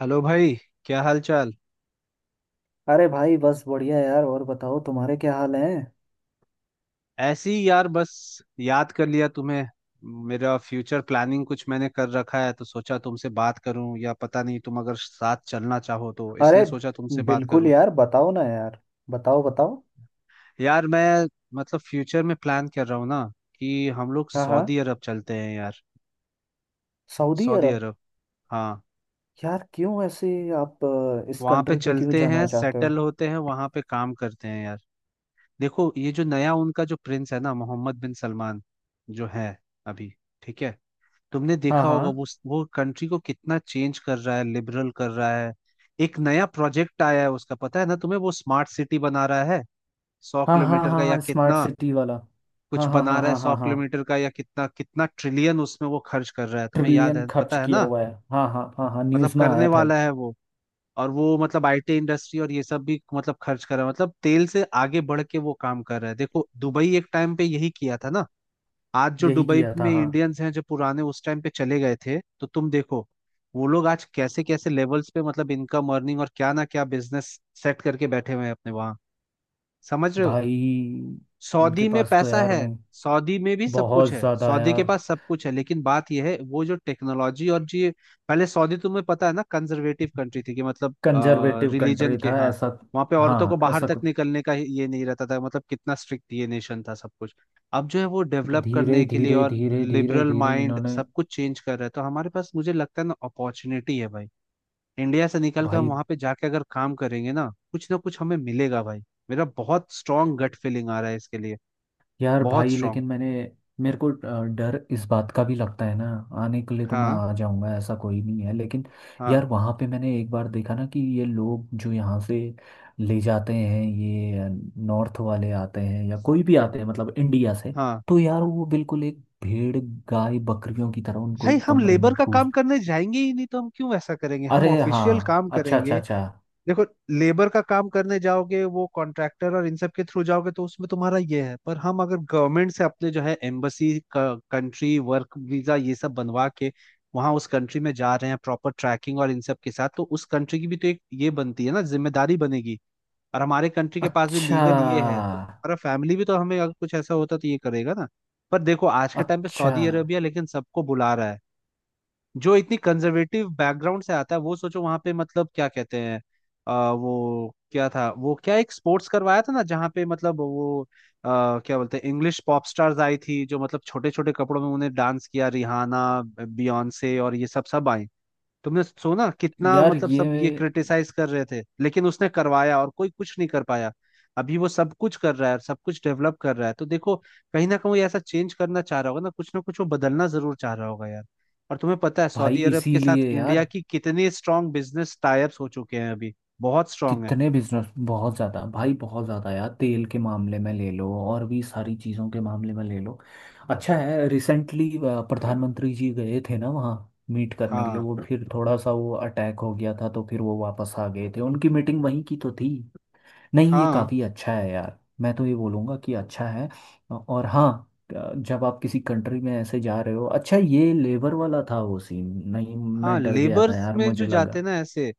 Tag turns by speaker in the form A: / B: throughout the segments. A: Hello भाई। क्या हाल चाल।
B: अरे भाई, बस बढ़िया यार। और बताओ, तुम्हारे क्या हाल है।
A: ऐसी यार बस, याद कर लिया तुम्हें। मेरा फ्यूचर प्लानिंग कुछ मैंने कर रखा है तो सोचा तुमसे बात करूं, या पता नहीं तुम अगर साथ चलना चाहो, तो इसलिए
B: अरे
A: सोचा तुमसे बात
B: बिल्कुल
A: करूं।
B: यार, बताओ ना यार। बताओ बताओ।
A: यार मैं, मतलब फ्यूचर में प्लान कर रहा हूँ ना, कि हम लोग
B: हाँ हाँ,
A: सऊदी अरब चलते हैं यार।
B: Saudi
A: Saudi
B: Arab.
A: अरब। हाँ।
B: यार क्यों ऐसे, आप इस
A: वहाँ पे
B: कंट्री पे क्यों
A: चलते
B: जाना
A: हैं,
B: चाहते
A: सेटल
B: हो।
A: होते हैं, वहाँ पे काम करते हैं यार। देखो, ये जो नया उनका जो प्रिंस है ना, मोहम्मद बिन सलमान, जो है अभी, ठीक है, तुमने
B: हाँ
A: देखा होगा
B: हाँ
A: वो कंट्री को कितना चेंज कर रहा है, लिबरल कर रहा है। एक नया प्रोजेक्ट आया है उसका, पता है ना तुम्हें, वो स्मार्ट सिटी बना रहा है, सौ
B: हाँ हाँ
A: किलोमीटर
B: हाँ
A: का या
B: हाँ, स्मार्ट
A: कितना,
B: सिटी वाला।
A: कुछ
B: हाँ हाँ
A: बना
B: हाँ
A: रहा है
B: हाँ
A: सौ
B: हाँ हाँ,
A: किलोमीटर का या कितना, कितना ट्रिलियन उसमें वो खर्च कर रहा है, तुम्हें याद
B: ट्रिलियन
A: है,
B: खर्च
A: पता है
B: किया
A: ना।
B: हुआ है। हाँ हाँ हाँ हाँ,
A: मतलब
B: न्यूज़ में
A: करने
B: आया था।
A: वाला है वो। और वो मतलब आईटी इंडस्ट्री और ये सब भी मतलब खर्च कर रहा है, मतलब तेल से आगे बढ़ के वो काम कर रहा है। देखो दुबई एक टाइम पे यही किया था ना। आज जो
B: यही
A: दुबई
B: किया था,
A: में
B: हाँ।
A: इंडियंस हैं, जो पुराने उस टाइम पे चले गए थे, तो तुम देखो वो लोग आज कैसे कैसे लेवल्स पे, मतलब इनकम, अर्निंग और क्या ना क्या बिजनेस सेट करके बैठे हुए हैं अपने, वहां। समझ रहे हो।
B: भाई उनके
A: सऊदी में
B: पास तो,
A: पैसा
B: यार
A: है,
B: मैं।
A: सऊदी में भी सब
B: बहुत
A: कुछ है,
B: ज़्यादा
A: सऊदी के
B: यार।
A: पास सब कुछ है, लेकिन बात यह है वो जो टेक्नोलॉजी और जी, पहले सऊदी तुम्हें पता है ना, कंजर्वेटिव कंट्री थी, कि मतलब
B: कंजर्वेटिव
A: रिलीजन
B: कंट्री
A: के,
B: था
A: हाँ,
B: ऐसा।
A: वहाँ पे औरतों को
B: हाँ
A: बाहर
B: ऐसा
A: तक
B: कुछ।
A: निकलने का ये नहीं रहता था, मतलब कितना स्ट्रिक्ट ये नेशन था सब कुछ। अब जो है वो डेवलप
B: धीरे
A: करने के लिए
B: धीरे
A: और
B: धीरे धीरे
A: लिबरल
B: धीरे
A: माइंड
B: इन्होंने।
A: सब कुछ चेंज कर रहा है, तो हमारे पास मुझे लगता है ना, अपॉर्चुनिटी है भाई। इंडिया से निकल कर हम
B: भाई,
A: वहाँ पे जाके अगर काम करेंगे ना, कुछ ना कुछ हमें मिलेगा भाई। मेरा बहुत स्ट्रांग गट फीलिंग आ रहा है इसके लिए,
B: यार
A: बहुत
B: भाई,
A: स्ट्रांग।
B: लेकिन मैंने। मेरे को डर इस बात का भी लगता है ना। आने के लिए तो मैं
A: हाँ।
B: आ जाऊंगा, ऐसा कोई नहीं है लेकिन।
A: हाँ।
B: यार वहाँ पे मैंने एक बार देखा ना कि ये लोग जो यहाँ से ले जाते हैं ये। नॉर्थ वाले आते हैं या कोई भी आते हैं, मतलब इंडिया से।
A: हाँ
B: तो यार वो बिल्कुल एक भेड़, गाय, बकरियों की तरह उनको
A: भाई,
B: एक
A: हम
B: कमरे
A: लेबर
B: में
A: का
B: ठूस।
A: काम करने जाएंगे ही नहीं, तो हम क्यों ऐसा करेंगे, हम
B: अरे
A: ऑफिशियल
B: हाँ,
A: काम
B: अच्छा अच्छा
A: करेंगे।
B: अच्छा।
A: देखो, लेबर का काम करने जाओगे वो कॉन्ट्रैक्टर और इन सब के थ्रू जाओगे तो उसमें तुम्हारा ये है, पर हम अगर गवर्नमेंट से अपने जो है एम्बसी, कंट्री, वर्क वीजा ये सब बनवा के वहां उस कंट्री में जा रहे हैं, प्रॉपर ट्रैकिंग और इन सब के साथ, तो उस कंट्री की भी तो एक ये बनती है ना, जिम्मेदारी बनेगी। और हमारे कंट्री के पास भी
B: अच्छा
A: लीगल ये है, तो हमारा फैमिली भी तो हमें अगर कुछ ऐसा होता तो ये करेगा ना। पर देखो आज के टाइम पे
B: अच्छा।
A: सऊदी अरेबिया लेकिन सबको बुला रहा है। जो इतनी कंजर्वेटिव बैकग्राउंड से आता है वो, सोचो वहां पे मतलब क्या कहते हैं, वो क्या था, वो क्या एक स्पोर्ट्स करवाया था ना जहाँ पे मतलब वो, क्या बोलते हैं, इंग्लिश पॉप स्टार्स आई थी जो, मतलब छोटे छोटे कपड़ों में उन्हें डांस किया, रिहाना, बियॉन्से और ये सब सब आई। तुमने सुना कितना
B: यार
A: मतलब
B: ये,
A: सब ये क्रिटिसाइज कर रहे थे, लेकिन उसने करवाया और कोई कुछ नहीं कर पाया। अभी वो सब कुछ कर रहा है, सब कुछ डेवलप कर रहा है, तो देखो कहीं ना कहीं वो ऐसा चेंज करना चाह रहा होगा ना, कुछ ना कुछ वो बदलना जरूर चाह रहा होगा यार। और तुम्हें पता है
B: भाई
A: सऊदी अरब के साथ
B: इसीलिए
A: इंडिया
B: यार।
A: की कितनी स्ट्रांग बिजनेस टाइप्स हो चुके हैं अभी, बहुत स्ट्रांग है।
B: कितने बिजनेस, बहुत ज़्यादा भाई, बहुत ज़्यादा यार। तेल के मामले में ले लो, और भी सारी चीज़ों के मामले में ले लो। अच्छा है, रिसेंटली प्रधानमंत्री जी गए थे ना वहाँ, मीट करने के लिए।
A: हाँ,
B: वो फिर थोड़ा सा वो अटैक हो गया था, तो फिर वो वापस आ गए थे। उनकी मीटिंग वहीं की तो थी। नहीं, ये
A: हाँ।
B: काफ़ी अच्छा है यार। मैं तो ये बोलूँगा कि अच्छा है। और हाँ, जब आप किसी कंट्री में ऐसे जा रहे हो। अच्छा, ये लेबर वाला था वो सीन। नहीं,
A: हाँ,
B: मैं डर गया था
A: लेबर्स
B: यार,
A: में जो
B: मुझे
A: जाते
B: लगा।
A: ना ऐसे,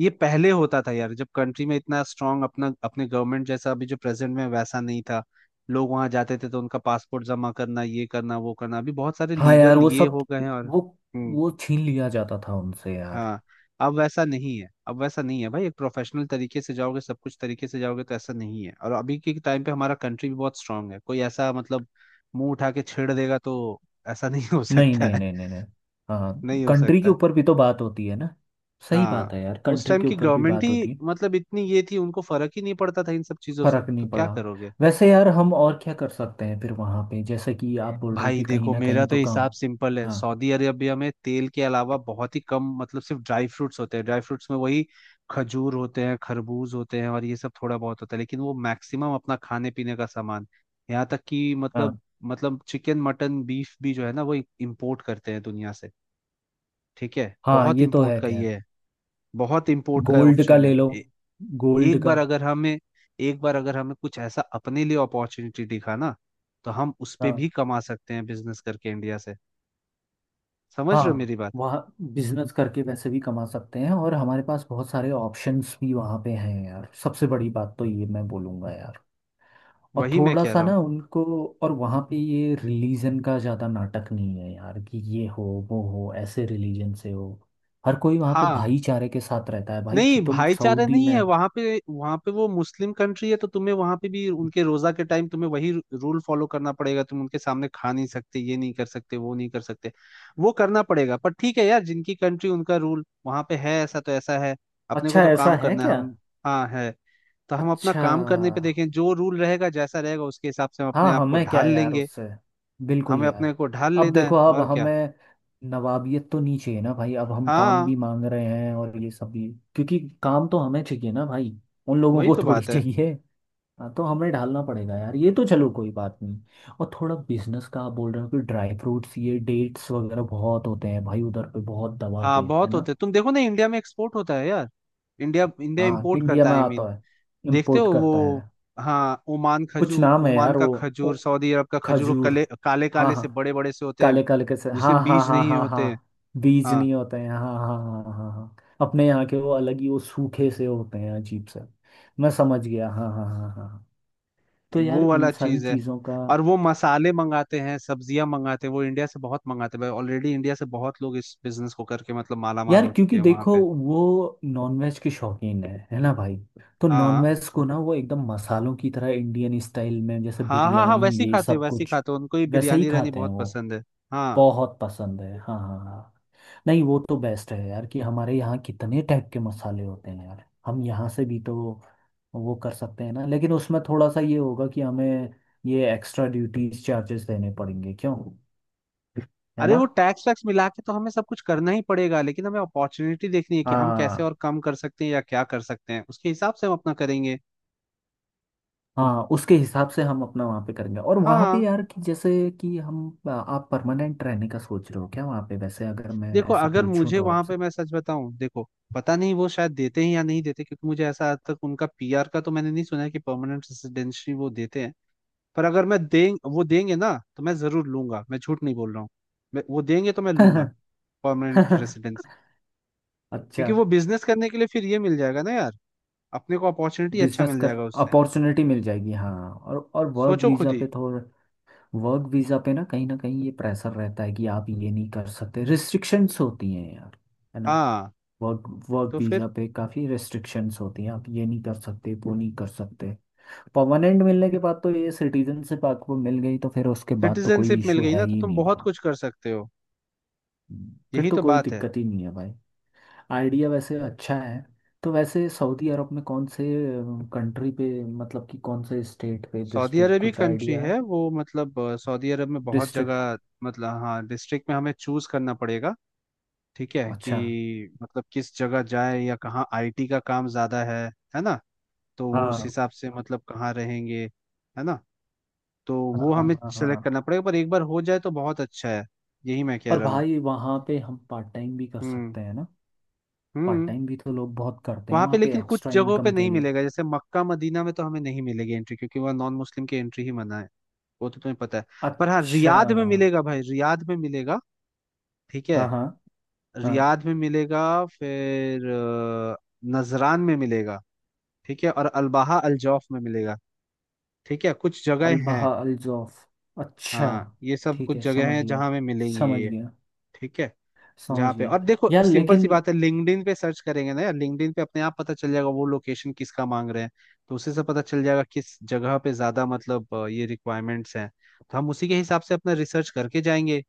A: ये पहले होता था यार, जब कंट्री में इतना स्ट्रांग अपना, अपने गवर्नमेंट जैसा अभी जो प्रेजेंट में, वैसा नहीं था। लोग वहां जाते थे तो उनका पासपोर्ट जमा करना, ये करना, वो करना, अभी बहुत सारे
B: हाँ यार
A: लीगल
B: वो
A: ये
B: सब,
A: हो गए हैं और
B: वो वो छीन लिया जाता था उनसे यार।
A: हाँ। अब वैसा नहीं है, अब वैसा नहीं है भाई, एक प्रोफेशनल तरीके से जाओगे, सब कुछ तरीके से जाओगे तो ऐसा नहीं है। और अभी के टाइम पे हमारा कंट्री भी बहुत स्ट्रांग है, कोई ऐसा मतलब मुंह उठा के छेड़ देगा तो ऐसा नहीं हो
B: नहीं
A: सकता
B: नहीं
A: है,
B: नहीं नहीं नहीं। हाँ,
A: नहीं हो
B: कंट्री के
A: सकता।
B: ऊपर भी तो बात होती है ना। सही बात
A: हाँ,
B: है यार,
A: उस
B: कंट्री
A: टाइम
B: के
A: की
B: ऊपर भी
A: गवर्नमेंट
B: बात
A: ही
B: होती है।
A: मतलब इतनी ये थी, उनको फर्क ही नहीं पड़ता था इन सब चीजों से,
B: फर्क
A: तो
B: नहीं
A: क्या
B: पड़ा।
A: करोगे।
B: वैसे यार, हम और क्या कर सकते हैं फिर वहाँ पे, जैसे कि आप बोल रहे हो
A: भाई
B: कि कहीं
A: देखो,
B: ना
A: मेरा
B: कहीं
A: तो
B: तो
A: हिसाब
B: काम।
A: सिंपल है,
B: हाँ
A: सऊदी अरेबिया में तेल के अलावा बहुत ही कम मतलब, सिर्फ ड्राई फ्रूट्स होते हैं, ड्राई फ्रूट्स में वही खजूर होते हैं, खरबूज होते हैं और ये सब थोड़ा बहुत होता है, लेकिन वो मैक्सिमम अपना खाने पीने का सामान, यहाँ तक कि मतलब,
B: हाँ।
A: मतलब चिकन, मटन, बीफ भी जो है ना वो इम्पोर्ट करते हैं दुनिया से। ठीक है।
B: हाँ।
A: बहुत
B: ये तो
A: इम्पोर्ट
B: है
A: का
B: खैर।
A: ये है, बहुत इम्पोर्ट का
B: गोल्ड का
A: ऑप्शन
B: ले लो,
A: है।
B: गोल्ड
A: एक
B: का।
A: बार अगर हमें एक बार अगर हमें कुछ ऐसा अपने लिए अपॉर्चुनिटी दिखा ना, तो हम उस पे
B: हाँ।
A: भी कमा सकते हैं बिजनेस करके इंडिया से। समझ रहे हो
B: हाँ,
A: मेरी बात।
B: वहाँ बिजनेस करके वैसे भी कमा सकते हैं, और हमारे पास बहुत सारे ऑप्शंस भी वहाँ पे हैं यार। सबसे बड़ी बात तो ये मैं बोलूँगा यार। और
A: वही मैं
B: थोड़ा
A: कह
B: सा
A: रहा हूँ।
B: ना उनको, और वहाँ पे ये रिलीजन का ज़्यादा नाटक नहीं है यार कि ये हो वो हो, ऐसे रिलीजन से हो। हर कोई वहाँ पे
A: हाँ।
B: भाईचारे के साथ रहता है भाई, कि
A: नहीं,
B: तुम
A: भाईचारा
B: सऊदी
A: नहीं
B: में
A: है
B: हो।
A: वहां पे, वहां पे वो मुस्लिम कंट्री है तो तुम्हें वहां पे भी उनके रोजा के टाइम तुम्हें वही रूल फॉलो करना पड़ेगा, तुम उनके सामने खा नहीं सकते, ये नहीं कर सकते, वो नहीं कर सकते, वो करना पड़ेगा, पर ठीक है यार, जिनकी कंट्री उनका रूल वहां पे है, ऐसा तो ऐसा है, अपने को
B: अच्छा,
A: तो
B: ऐसा
A: काम
B: है
A: करना है
B: क्या।
A: हम। हाँ है। तो हम अपना
B: अच्छा।
A: काम करने पे देखें, जो रूल रहेगा जैसा रहेगा उसके हिसाब से हम अपने
B: हाँ,
A: आप को
B: हमें क्या
A: ढाल
B: यार
A: लेंगे।
B: उससे। बिल्कुल
A: हमें अपने
B: यार।
A: को ढाल
B: अब
A: लेना
B: देखो,
A: है
B: अब
A: और क्या।
B: हमें नवाबियत तो नहीं चाहिए ना भाई। अब हम काम
A: हाँ,
B: भी मांग रहे हैं और ये सब भी। क्योंकि काम तो हमें चाहिए ना भाई, उन लोगों
A: वही
B: को
A: तो
B: थोड़ी
A: बात है।
B: चाहिए। हाँ, तो हमें ढालना पड़ेगा यार, ये तो चलो कोई बात नहीं। और थोड़ा बिजनेस का आप बोल रहे हो कि ड्राई फ्रूट्स, ये डेट्स वगैरह बहुत होते हैं भाई उधर पे, बहुत दबा के
A: हाँ
B: है
A: बहुत
B: ना।
A: होते हैं, तुम देखो ना इंडिया में एक्सपोर्ट होता है यार, इंडिया इंडिया
B: हाँ,
A: इम्पोर्ट
B: इंडिया
A: करता है,
B: में
A: आई मीन,
B: आता है,
A: देखते
B: इम्पोर्ट
A: हो वो।
B: करता है।
A: हाँ, ओमान
B: कुछ
A: खजूर,
B: नाम है
A: ओमान
B: यार,
A: का
B: वो,
A: खजूर,
B: वो
A: सऊदी अरब का खजूर, वो
B: खजूर।
A: काले
B: हाँ
A: काले से,
B: हाँ,
A: बड़े बड़े से होते हैं,
B: काले काले कैसे, हाँ
A: जिसमें
B: हाँ
A: बीज
B: हाँ
A: नहीं
B: हाँ
A: होते हैं।
B: हाँ। बीज
A: हाँ,
B: नहीं होते हैं, हाँ हाँ हाँ हाँ हाँ हाँ। अपने यहाँ के वो अलग ही, वो सूखे से होते हैं, अजीब से। मैं समझ गया, हाँ हाँ हाँ हाँ। तो यार
A: वो
B: इन
A: वाला
B: सारी
A: चीज है।
B: चीज़ों का।
A: और वो मसाले मंगाते हैं, सब्जियां मंगाते हैं, वो इंडिया से बहुत मंगाते हैं भाई। ऑलरेडी इंडिया से बहुत लोग इस बिजनेस को करके मतलब माला माल
B: यार
A: हो चुके
B: क्योंकि
A: हैं वहां
B: देखो,
A: पे।
B: वो नॉनवेज के शौकीन है ना भाई। तो
A: हाँ,
B: नॉनवेज को ना, वो एकदम मसालों की तरह इंडियन स्टाइल में, जैसे
A: हाँ, हाँ, हाँ
B: बिरयानी,
A: वैसे ही
B: ये
A: खाते हैं,
B: सब
A: वैसे ही
B: कुछ
A: खाते हैं, उनको ही
B: वैसे ही
A: बिरयानी रानी
B: खाते हैं
A: बहुत
B: वो।
A: पसंद है। हाँ।
B: बहुत पसंद है, हाँ हाँ हाँ। नहीं, वो तो बेस्ट है यार कि हमारे यहाँ कितने टाइप के मसाले होते हैं यार। हम यहाँ से भी तो वो कर सकते हैं ना। लेकिन उसमें थोड़ा सा ये होगा कि हमें ये एक्स्ट्रा ड्यूटीज चार्जेस देने पड़ेंगे क्यों। है
A: अरे
B: ना।
A: वो टैक्स वैक्स मिला के तो हमें सब कुछ करना ही पड़ेगा, लेकिन हमें अपॉर्चुनिटी देखनी है कि हम कैसे
B: हाँ।
A: और कम कर सकते हैं या क्या कर सकते हैं, उसके हिसाब से हम अपना करेंगे।
B: हाँ, उसके हिसाब से हम अपना वहाँ पे करेंगे। और वहाँ पे
A: हाँ।
B: यार, कि जैसे कि हम, आप परमानेंट रहने का सोच रहे हो क्या वहाँ पे, वैसे अगर मैं
A: देखो
B: ऐसे
A: अगर
B: पूछूं
A: मुझे
B: तो
A: वहां
B: आपसे।
A: पे, मैं सच बताऊं देखो, पता नहीं वो शायद देते हैं या नहीं देते, क्योंकि मुझे ऐसा आज तक उनका पीआर का तो मैंने नहीं सुना है कि परमानेंट रेजिडेंसी वो देते हैं। पर अगर मैं, दें वो देंगे ना तो मैं जरूर लूंगा, मैं झूठ नहीं बोल रहा हूँ, मैं वो देंगे तो मैं लूंगा, परमानेंट रेजिडेंसी।
B: अच्छा।
A: क्योंकि वो बिजनेस करने के लिए फिर ये मिल जाएगा ना यार, अपने को अपॉर्चुनिटी अच्छा
B: बिजनेस
A: मिल
B: कर,
A: जाएगा उससे।
B: अपॉर्चुनिटी मिल जाएगी, हाँ। और वर्क
A: सोचो खुद
B: वीज़ा
A: ही।
B: पे थोड़ा, वर्क वीज़ा पे ना कहीं ये प्रेशर रहता है कि आप ये नहीं कर सकते, रिस्ट्रिक्शंस होती हैं यार। है ना।
A: हाँ
B: वर्क वर्क
A: तो
B: वीज़ा
A: फिर,
B: पे काफ़ी रिस्ट्रिक्शंस होती हैं, आप ये नहीं कर सकते, वो नहीं कर सकते। परमानेंट मिलने के बाद तो, ये सिटीजनशिप आपको मिल गई तो फिर उसके बाद तो कोई
A: सिटीजनशिप मिल
B: इशू
A: गई
B: है
A: ना तो
B: ही
A: तुम
B: नहीं
A: बहुत
B: भाई।
A: कुछ कर सकते हो।
B: फिर
A: यही
B: तो
A: तो
B: कोई
A: बात है।
B: दिक्कत ही नहीं है भाई। आइडिया वैसे अच्छा है। तो वैसे सऊदी अरब में कौन से कंट्री पे, मतलब कि कौन से स्टेट पे,
A: सऊदी
B: डिस्ट्रिक्ट
A: अरब ही
B: कुछ
A: कंट्री
B: आइडिया है।
A: है वो, मतलब सऊदी अरब में बहुत
B: डिस्ट्रिक्ट।
A: जगह, मतलब हाँ डिस्ट्रिक्ट में हमें चूज करना पड़ेगा ठीक है,
B: अच्छा।
A: कि मतलब किस जगह जाए या कहाँ आईटी का काम ज्यादा है ना। तो वो उस
B: हाँ
A: हिसाब से, मतलब कहाँ रहेंगे, है ना। तो
B: हाँ
A: वो
B: हाँ
A: हमें
B: हाँ हाँ हाँ।
A: सेलेक्ट करना पड़ेगा, पर एक बार हो जाए तो बहुत अच्छा है। यही मैं कह
B: और
A: रहा हूँ।
B: भाई वहाँ पे हम पार्ट टाइम भी कर
A: हम्म।
B: सकते हैं ना। पार्ट
A: हम्म।
B: टाइम भी तो लोग बहुत करते हैं
A: वहां
B: वहाँ
A: पे
B: पे
A: लेकिन कुछ
B: एक्स्ट्रा
A: जगहों पे
B: इनकम के
A: नहीं
B: लिए।
A: मिलेगा, जैसे मक्का मदीना में तो हमें नहीं मिलेगी एंट्री, क्योंकि वह नॉन मुस्लिम की एंट्री ही मना है, वो तो तुम्हें पता है। पर हाँ,
B: अच्छा।
A: रियाद में मिलेगा भाई, रियाद में मिलेगा। ठीक है।
B: हाँ हाँ हाँ।
A: रियाद में मिलेगा, फिर नजरान में मिलेगा। ठीक है। और अलबाहा, अलजौफ में मिलेगा। ठीक है, कुछ जगह हैं।
B: अलबहा अलजौफ। अच्छा।
A: हाँ, ये सब
B: ठीक
A: कुछ
B: है,
A: जगह
B: समझ
A: हैं जहाँ
B: गया।
A: हमें मिलेंगी
B: समझ
A: ये।
B: गया।
A: ठीक है।
B: समझ
A: जहाँ पे,
B: गया।
A: और देखो
B: यार
A: सिंपल सी
B: लेकिन।
A: बात है, लिंक्डइन पे सर्च करेंगे ना यार, लिंक्डइन पे अपने आप पता चल जाएगा वो लोकेशन किसका मांग रहे हैं। तो उसी से पता चल जाएगा किस जगह पे ज्यादा मतलब ये रिक्वायरमेंट्स हैं, तो हम उसी के हिसाब से अपना रिसर्च करके जाएंगे।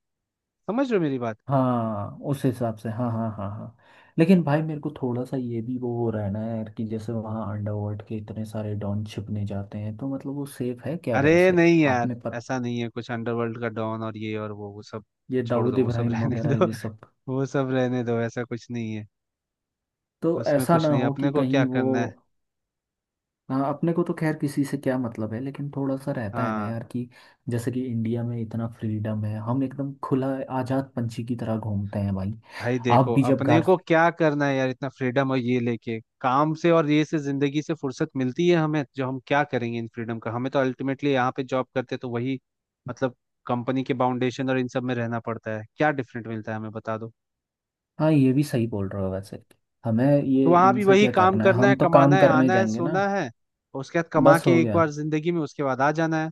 A: समझ रहे हो मेरी बात।
B: हाँ, उस हिसाब से, हाँ हाँ हाँ हाँ। लेकिन भाई मेरे को थोड़ा सा ये भी वो हो रहा है ना यार कि जैसे वहाँ अंडरवर्ल्ड के इतने सारे डॉन छिपने जाते हैं, तो मतलब वो सेफ है क्या
A: अरे
B: वैसे।
A: नहीं यार,
B: आपने पत,
A: ऐसा नहीं है कुछ अंडरवर्ल्ड का डॉन और ये और वो सब
B: ये
A: छोड़
B: दाऊद
A: दो, वो सब
B: इब्राहिम
A: रहने
B: वगैरह
A: दो।
B: ये सब।
A: वो सब रहने दो, ऐसा कुछ नहीं है,
B: तो
A: उसमें
B: ऐसा
A: कुछ
B: ना
A: नहीं है,
B: हो कि
A: अपने को
B: कहीं
A: क्या
B: वो।
A: करना है।
B: हाँ, अपने को तो खैर किसी से क्या मतलब है, लेकिन थोड़ा सा रहता है ना
A: हाँ।
B: यार कि जैसे कि इंडिया में इतना फ्रीडम है, हम एकदम खुला आजाद पंछी की तरह घूमते हैं भाई।
A: भाई
B: आप
A: देखो,
B: भी जब
A: अपने
B: घर।
A: को क्या करना है यार, इतना फ्रीडम और ये लेके, काम से और ये से, जिंदगी से फुर्सत मिलती है हमें जो हम क्या करेंगे इन फ्रीडम का, हमें तो अल्टीमेटली यहाँ पे जॉब करते तो वही मतलब कंपनी के फाउंडेशन और इन सब में रहना पड़ता है, क्या डिफरेंट मिलता है हमें बता दो।
B: हाँ, ये भी सही बोल रहे हो वैसे। हमें
A: तो
B: ये
A: वहां भी
B: इनसे
A: वही
B: क्या
A: काम
B: करना है,
A: करना है,
B: हम तो काम
A: कमाना है,
B: करने
A: आना है,
B: जाएंगे ना।
A: सोना है, और उसके बाद कमा
B: बस
A: के
B: हो
A: एक
B: गया।
A: बार जिंदगी में उसके बाद आ जाना है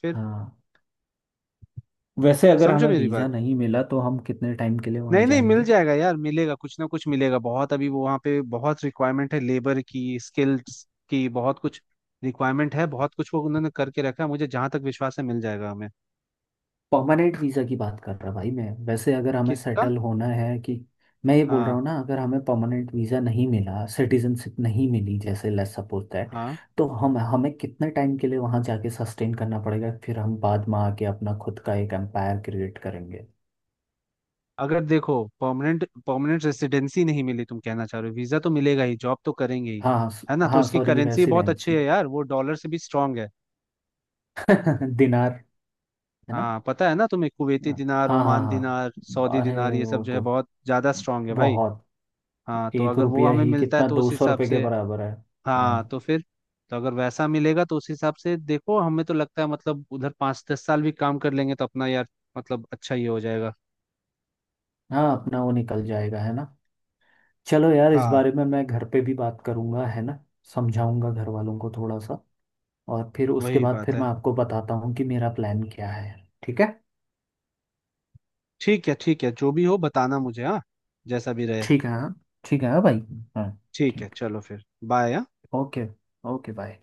A: फिर।
B: हाँ। वैसे अगर
A: समझो
B: हमें
A: मेरी
B: वीज़ा
A: बात।
B: नहीं मिला तो हम कितने टाइम के लिए वहाँ
A: नहीं, नहीं मिल
B: जाएंगे।
A: जाएगा यार, मिलेगा कुछ ना कुछ मिलेगा, बहुत अभी वो वहाँ पे बहुत रिक्वायरमेंट है लेबर की, स्किल्स की, बहुत कुछ रिक्वायरमेंट है, बहुत कुछ वो उन्होंने करके रखा है, मुझे जहां तक विश्वास है मिल जाएगा हमें।
B: परमानेंट वीज़ा की बात कर रहा भाई मैं, वैसे अगर हमें
A: किसका।
B: सेटल होना है कि। मैं ये बोल रहा
A: हाँ।
B: हूँ ना, अगर हमें परमानेंट वीज़ा नहीं मिला, सिटीजनशिप नहीं मिली, जैसे लेट्स सपोज दैट।
A: हाँ।
B: तो हम, हमें कितने टाइम के लिए वहाँ जाके सस्टेन करना पड़ेगा, फिर हम बाद में आके अपना खुद का एक एम्पायर क्रिएट करेंगे।
A: अगर देखो परमानेंट परमानेंट रेसिडेंसी नहीं मिली तुम कहना चाह रहे हो, वीजा तो मिलेगा ही, जॉब तो करेंगे ही,
B: हाँ।
A: है ना। तो
B: हाँ
A: उसकी
B: सॉरी,
A: करेंसी बहुत अच्छी
B: रेसिडेंसी।
A: है यार, वो डॉलर से भी स्ट्रांग है।
B: दिनार, है ना।
A: हाँ, पता है ना तुम्हें, कुवैती
B: हाँ
A: दिनार,
B: हाँ हाँ
A: ओमान
B: हाँ।
A: दिनार, सऊदी
B: अरे
A: दिनार, ये सब
B: वो
A: जो है
B: तो
A: बहुत ज्यादा स्ट्रांग है भाई।
B: बहुत,
A: हाँ तो
B: एक
A: अगर वो
B: रुपया
A: हमें
B: ही
A: मिलता है
B: कितना,
A: तो
B: दो
A: उस
B: सौ
A: हिसाब
B: रुपये के
A: से,
B: बराबर है।
A: हाँ
B: हाँ।
A: तो फिर, तो अगर वैसा मिलेगा तो उस हिसाब से देखो हमें तो लगता है मतलब उधर 5-10 साल भी काम कर लेंगे तो अपना यार, मतलब अच्छा ही हो जाएगा।
B: हाँ, अपना वो निकल जाएगा, है ना। चलो यार, इस
A: हाँ,
B: बारे में मैं घर पे भी बात करूंगा, है ना। समझाऊंगा घर वालों को थोड़ा सा। और फिर उसके
A: वही
B: बाद
A: बात
B: फिर मैं
A: है।
B: आपको बताता हूँ कि मेरा प्लान क्या है। ठीक है।
A: ठीक है, ठीक है, जो भी हो बताना मुझे। हाँ जैसा भी रहे।
B: ठीक है हाँ। ठीक है हाँ भाई। हाँ।
A: ठीक है,
B: ठीक।
A: चलो फिर, बाय।
B: ओके। Okay bye.